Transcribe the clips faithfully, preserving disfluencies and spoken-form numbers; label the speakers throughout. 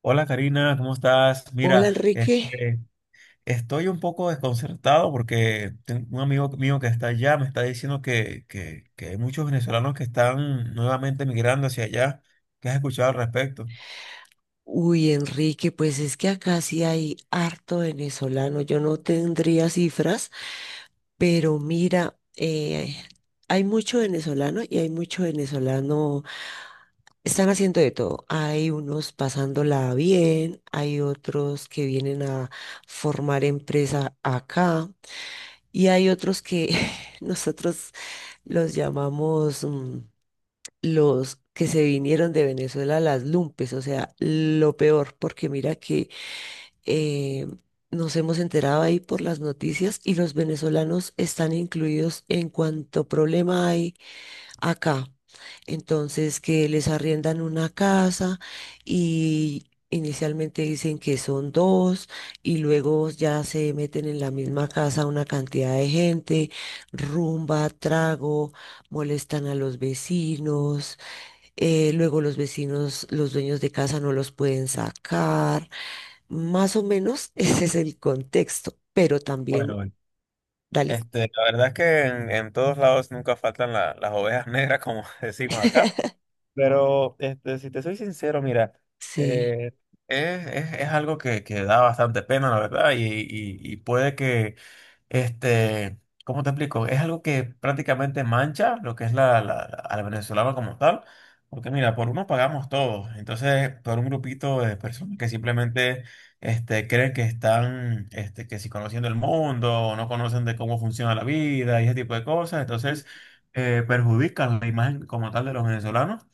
Speaker 1: Hola Karina, ¿cómo estás?
Speaker 2: Hola
Speaker 1: Mira,
Speaker 2: Enrique.
Speaker 1: este, estoy un poco desconcertado porque tengo un amigo mío que está allá me está diciendo que, que, que hay muchos venezolanos que están nuevamente migrando hacia allá. ¿Qué has escuchado al respecto?
Speaker 2: Uy, Enrique, pues es que acá sí hay harto venezolano. Yo no tendría cifras, pero mira, eh, hay mucho venezolano y hay mucho venezolano. Están haciendo de todo. Hay unos pasándola bien, hay otros que vienen a formar empresa acá y hay otros que nosotros los llamamos... mm, los que se vinieron de Venezuela, las lumpes, o sea, lo peor, porque mira que eh, nos hemos enterado ahí por las noticias y los venezolanos están incluidos en cuanto problema hay acá. Entonces, que les arriendan una casa y... Inicialmente dicen que son dos y luego ya se meten en la misma casa una cantidad de gente, rumba, trago, molestan a los vecinos, eh, luego los vecinos, los dueños de casa no los pueden sacar. Más o menos ese es el contexto, pero
Speaker 1: Bueno,
Speaker 2: también,
Speaker 1: bueno.
Speaker 2: dale.
Speaker 1: Este, la verdad es que en, en todos lados nunca faltan la- las ovejas negras, como decimos acá. Pero este, si te soy sincero, mira,
Speaker 2: Sí.
Speaker 1: eh, es, es- es algo que, que da bastante pena, la verdad, y, y- y puede que, este, ¿cómo te explico? Es algo que prácticamente mancha lo que es la, la, la- a la venezolana como tal, porque mira, por uno pagamos todos, entonces por un grupito de personas que simplemente este, creen que están, este, que si conociendo el mundo, o no conocen de cómo funciona la vida y ese tipo de cosas,
Speaker 2: Mm.
Speaker 1: entonces eh, perjudican la imagen como tal de los venezolanos.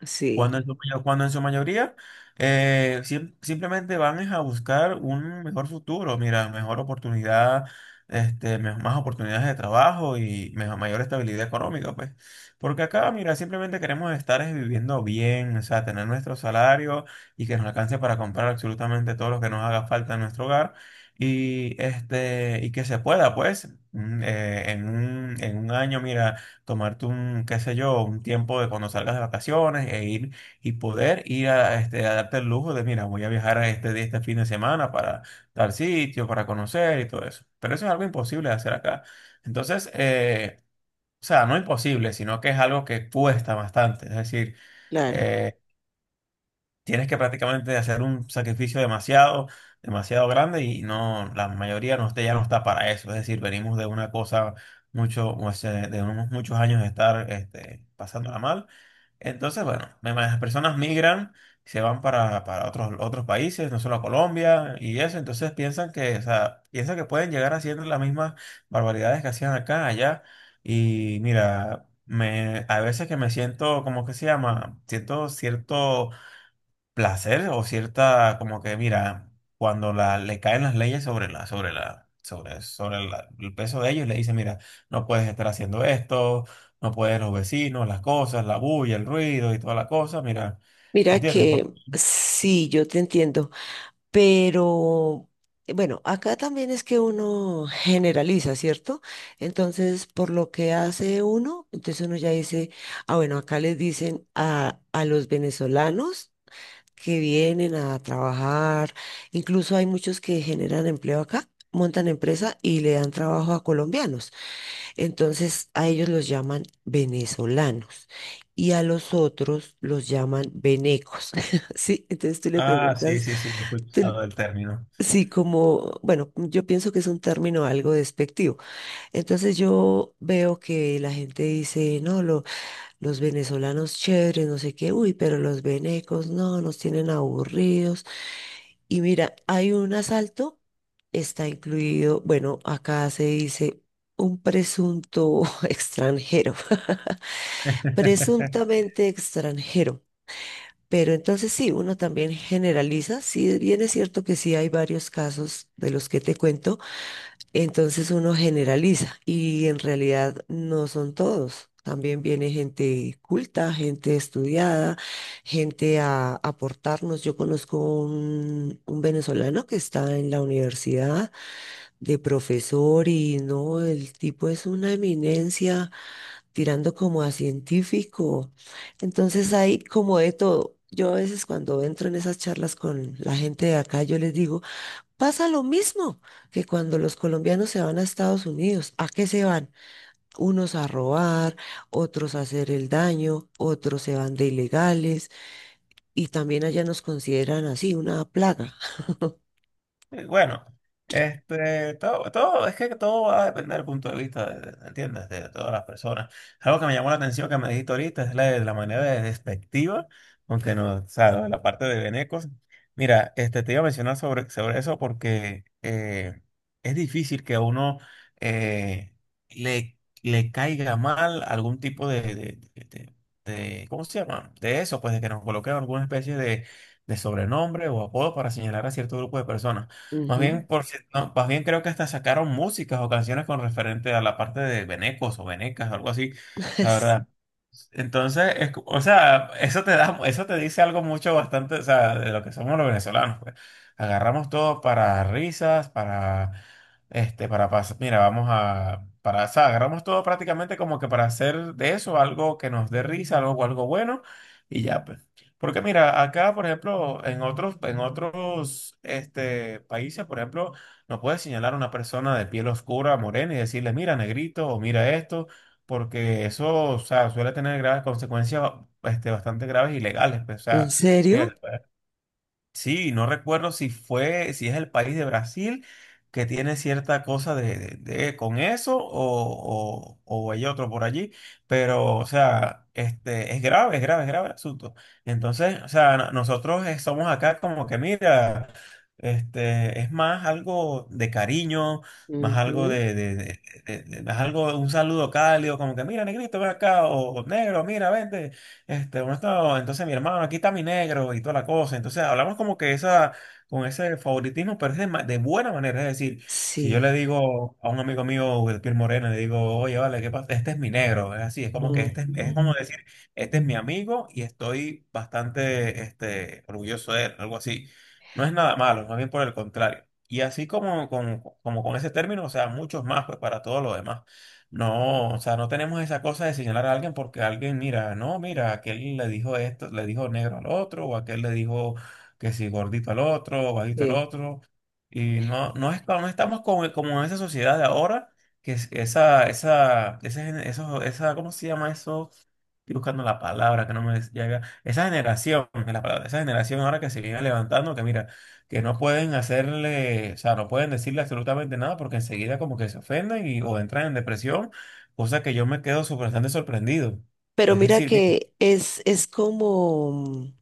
Speaker 2: Sí,
Speaker 1: Cuando en su, mayo- cuando en su mayoría eh, sim- simplemente van es a buscar un mejor futuro, mira, mejor oportunidad, este, me- más oportunidades de trabajo y mejor, mayor estabilidad económica, pues. Porque acá, mira, simplemente queremos estar es viviendo bien, o sea, tener nuestro salario y que nos alcance para comprar absolutamente todo lo que nos haga falta en nuestro hogar y, este, y que se pueda, pues, mm, eh, en un, en un año, mira, tomarte un, qué sé yo, un tiempo de cuando salgas de vacaciones e ir y poder ir a, este, a darte el lujo de, mira, voy a viajar a este, día- este fin de semana para tal sitio, para conocer y todo eso. Pero eso es algo imposible de hacer acá. Entonces, eh, o sea, no imposible, sino que es algo que cuesta bastante. Es decir,
Speaker 2: claro.
Speaker 1: eh, tienes que prácticamente hacer un sacrificio demasiado, demasiado grande y no, la mayoría no, está- ya no está para eso. Es decir, venimos de una cosa mucho, o sea, de unos muchos años de estar este, pasándola mal. Entonces, bueno, me imagino, las personas migran, se van para, para otros, otros países, no solo a Colombia y eso. Entonces piensan que, o sea, piensan que pueden llegar haciendo las mismas barbaridades que hacían acá, allá. Y mira, me, a veces que me siento, ¿cómo que se llama? Siento cierto placer o cierta, como que mira, cuando la, le caen las leyes sobre la, sobre la, sobre, sobre la- el peso de ellos, le dice mira, no puedes estar haciendo esto, no puedes los vecinos, las cosas, la bulla, el ruido y toda la cosa, mira, ¿me
Speaker 2: Mira
Speaker 1: entiendes? Por-
Speaker 2: que sí, yo te entiendo, pero eh, bueno, acá también es que uno generaliza, ¿cierto? Entonces, por lo que hace uno, entonces uno ya dice, ah, bueno, acá les dicen a, a los venezolanos que vienen a trabajar. Incluso hay muchos que generan empleo acá, montan empresa y le dan trabajo a colombianos. Entonces a ellos los llaman venezolanos y a los otros los llaman venecos. Sí, entonces tú le
Speaker 1: ah, sí,
Speaker 2: preguntas,
Speaker 1: sí, sí, he
Speaker 2: tú-
Speaker 1: escuchado el término.
Speaker 2: sí, como, bueno, yo pienso que es un término algo despectivo. Entonces yo veo que la gente dice, no, lo- los venezolanos chéveres, no sé qué, uy, pero los venecos, no, nos tienen aburridos. Y mira, hay un asalto, está incluido, bueno, acá se dice un presunto extranjero, presuntamente extranjero. Pero entonces sí, uno también generaliza, sí, bien es cierto que sí hay varios casos de los que te cuento, entonces uno generaliza y en realidad no son todos. También viene gente culta, gente estudiada, gente a aportarnos. Yo conozco un, un venezolano que está en la universidad de profesor y no, el tipo es una eminencia tirando como a científico. Entonces hay como de todo. Yo a veces cuando entro en esas charlas con la gente de acá, yo les digo: pasa lo mismo que cuando los colombianos se van a Estados Unidos. ¿A qué se van? Unos a robar, otros a hacer el daño, otros se van de ilegales y también allá nos consideran así una plaga.
Speaker 1: Y bueno, este, todo, todo, es que todo va a depender del punto de vista, de- de- ¿entiendes? De todas las personas. Algo que me llamó la atención que me dijiste ahorita es la, la manera de despectiva, aunque no, o sea, lo de la parte de Benecos. Mira, este, te iba a mencionar sobre, sobre eso porque eh, es difícil que a uno eh, le, le caiga mal algún tipo de, de, de, ¿cómo se llama? De eso, pues de que nos coloquen alguna especie de, de sobrenombre o apodo para señalar a cierto grupo de personas. Más
Speaker 2: Ujú.
Speaker 1: bien, por, si- no, más bien creo que hasta sacaron músicas o canciones con referente a la parte de venecos o venecas, algo así, la verdad. Entonces, es co- o sea, eso te da, eso te dice algo mucho bastante, o sea, de lo que somos los venezolanos, pues. Agarramos todo para risas, para, este, para pasar, mira, vamos a, para, o sea, agarramos todo prácticamente como que para hacer de eso algo que nos dé risa, algo, algo bueno, y ya, pues. Porque mira, acá, por ejemplo, en otros, en otros, este, países, por ejemplo, no puedes señalar a una persona de piel oscura, morena, y decirle, mira, negrito, o mira esto, porque eso, o sea, suele tener graves consecuencias este, bastante graves y legales, pues, o
Speaker 2: ¿En
Speaker 1: sea,
Speaker 2: serio?
Speaker 1: mira, sí, no recuerdo si fue, si es el país de Brasil que tiene cierta cosa de, de- de- con eso o, o, o hay otro por allí, pero o sea, este, es grave, es grave, es grave el asunto. Entonces, o sea, no- nosotros eh, somos acá como que mira, este, es más algo de cariño, más algo
Speaker 2: Ujú.
Speaker 1: de, de, de- de- de- más algo, un saludo cálido, como que mira, negrito, ven acá, o negro, mira, vente. Este, uno estaba, entonces mi hermano, aquí está mi negro y toda la cosa. Entonces hablamos como que esa, con ese favoritismo, pero es de, ma- de buena manera. Es decir, si yo le
Speaker 2: Sí.
Speaker 1: digo a un amigo mío de piel morena, le digo, oye, vale, ¿qué pasa? Este es mi negro. Es así, es como que este es, es
Speaker 2: Ujú.
Speaker 1: como decir, este es mi amigo y estoy bastante, este, orgulloso de él, algo así. No es nada malo, más bien por el contrario. Y así como, con como con ese término, o sea, muchos más, pues para todo lo demás. No, o sea, no tenemos esa cosa de señalar a alguien porque alguien, mira, no, mira, aquel le dijo esto, le dijo negro al otro, o aquel le dijo que si gordito al otro, o bajito al
Speaker 2: Sí.
Speaker 1: otro. Y no, no es, no estamos como, como en esa sociedad de ahora, que es- esa, esa, ese, gen- esos- esa, ¿cómo se llama eso? Estoy buscando la palabra que no me llega. Esa generación, es la palabra, esa generación ahora que se viene levantando, que mira, que no pueden hacerle, o sea, no pueden decirle absolutamente nada porque enseguida como que se ofenden y, o entran en depresión, cosa que yo me quedo su- bastante sorprendido.
Speaker 2: Pero
Speaker 1: Es
Speaker 2: mira
Speaker 1: decir,
Speaker 2: que es, es como,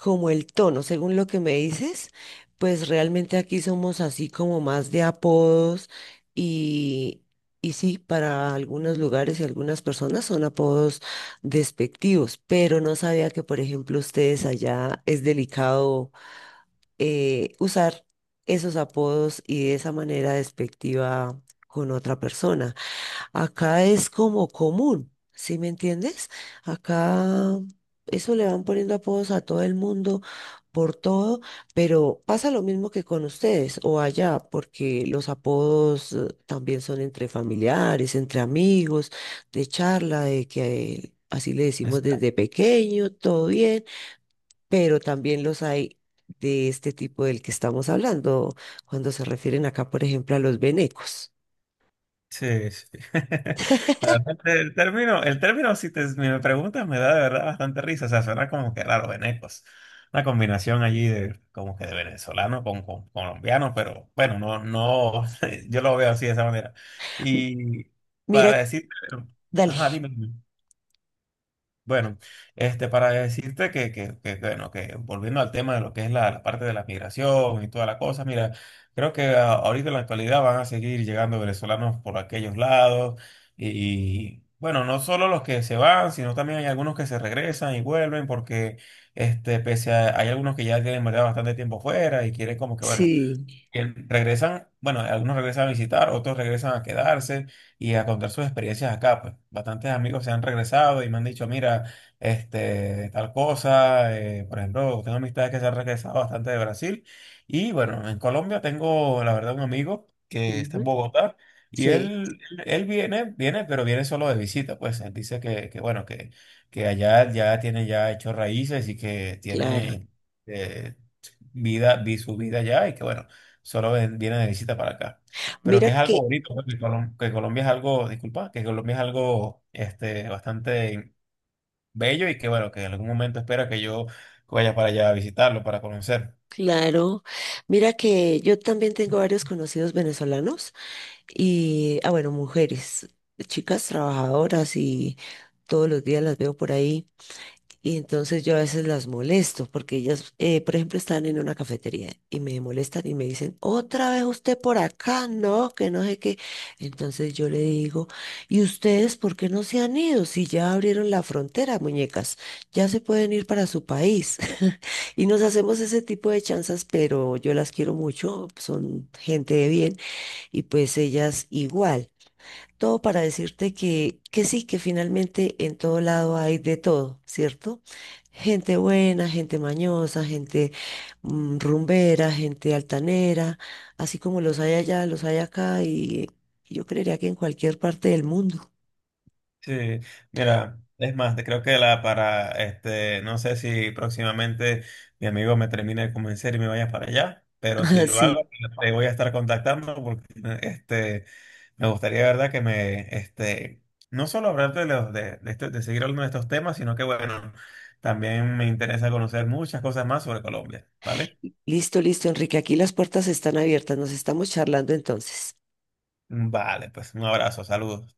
Speaker 2: como el tono, según lo que me dices, pues realmente aquí somos así como más de apodos y, y sí, para algunos lugares y algunas personas son apodos despectivos, pero no sabía que, por ejemplo, ustedes allá es delicado eh, usar esos apodos y de esa manera despectiva con otra persona. Acá es como común, ¿sí me entiendes? Acá eso le van poniendo apodos a todo el mundo por todo, pero pasa lo mismo que con ustedes o allá, porque los apodos eh, también son entre familiares, entre amigos, de charla, de que eh, así le decimos
Speaker 1: mira,
Speaker 2: desde pequeño, todo bien, pero también los hay de este tipo del que estamos hablando, cuando se refieren acá, por ejemplo, a los venecos.
Speaker 1: sí, sí. La verdad, el término, el término, si te, me preguntas, me da de verdad bastante risa. O sea, suena como que raro, venecos. Una combinación allí de como que de venezolano con, con colombiano, pero bueno, no, no, yo lo veo así de esa manera. Y
Speaker 2: Mira,
Speaker 1: para decir,
Speaker 2: dale,
Speaker 1: ajá, dime. Bueno, este, para decirte que, que, que, bueno, que volviendo al tema de lo que es la, la parte de la migración y toda la cosa, mira, creo que a- ahorita en la actualidad van a seguir llegando venezolanos por aquellos lados y, bueno, no solo los que se van, sino también hay algunos que se regresan y vuelven porque, este, pese a, hay algunos que ya tienen, ¿verdad?, bastante tiempo fuera y quieren como que, bueno,
Speaker 2: sí.
Speaker 1: que regresan, bueno, algunos regresan a visitar, otros regresan a quedarse y a contar sus experiencias acá, pues. Bastantes amigos se han regresado y me han dicho, mira, este, tal cosa, eh, por ejemplo, tengo amistades que se han regresado bastante de Brasil y bueno, en Colombia tengo, la verdad, un amigo que está en
Speaker 2: Ujú.
Speaker 1: Bogotá y
Speaker 2: Sí,
Speaker 1: él, él, él viene, viene, pero viene solo de visita, pues. Él dice que, que bueno, que, que allá ya tiene ya hecho raíces y que
Speaker 2: claro.
Speaker 1: tiene... eh, vida, vi su vida allá y que bueno, solo ven- viene de visita para acá. Pero
Speaker 2: Mira
Speaker 1: que es
Speaker 2: que,
Speaker 1: algo bonito, ¿no?, que, Colom- que Colombia es algo, disculpa, que Colombia es algo este, bastante bello y que bueno, que en algún momento espera que yo vaya para allá a visitarlo, para conocer.
Speaker 2: claro, mira que yo también tengo varios conocidos venezolanos y, ah, bueno, mujeres, chicas trabajadoras y todos los días las veo por ahí. Y entonces yo a veces las molesto porque ellas, eh, por ejemplo, están en una cafetería y me molestan y me dicen, otra vez usted por acá, no, que no sé qué. Entonces yo le digo, ¿y ustedes por qué no se han ido? Si ya abrieron la frontera, muñecas, ya se pueden ir para su país. Y nos hacemos ese tipo de chanzas, pero yo las quiero mucho, son gente de bien y pues ellas igual. Todo para decirte que, que sí, que finalmente en todo lado hay de todo, ¿cierto? Gente buena, gente mañosa, gente mm, rumbera, gente altanera, así como los hay allá, los hay acá y yo creería que en cualquier parte del mundo.
Speaker 1: Sí, mira, es más, te creo que la para, este, no sé si próximamente mi amigo me termine de convencer y me vaya para allá, pero si lo hago,
Speaker 2: Así.
Speaker 1: te voy a estar contactando porque este... Me gustaría, de ¿verdad? Que me, este, no solo hablarte de, los, de, de, este- de seguir hablando de estos temas, sino que, bueno, también me interesa conocer muchas cosas más sobre Colombia, ¿vale?
Speaker 2: Listo, listo, Enrique, aquí las puertas están abiertas, nos estamos charlando entonces.
Speaker 1: Vale, pues un abrazo, saludos.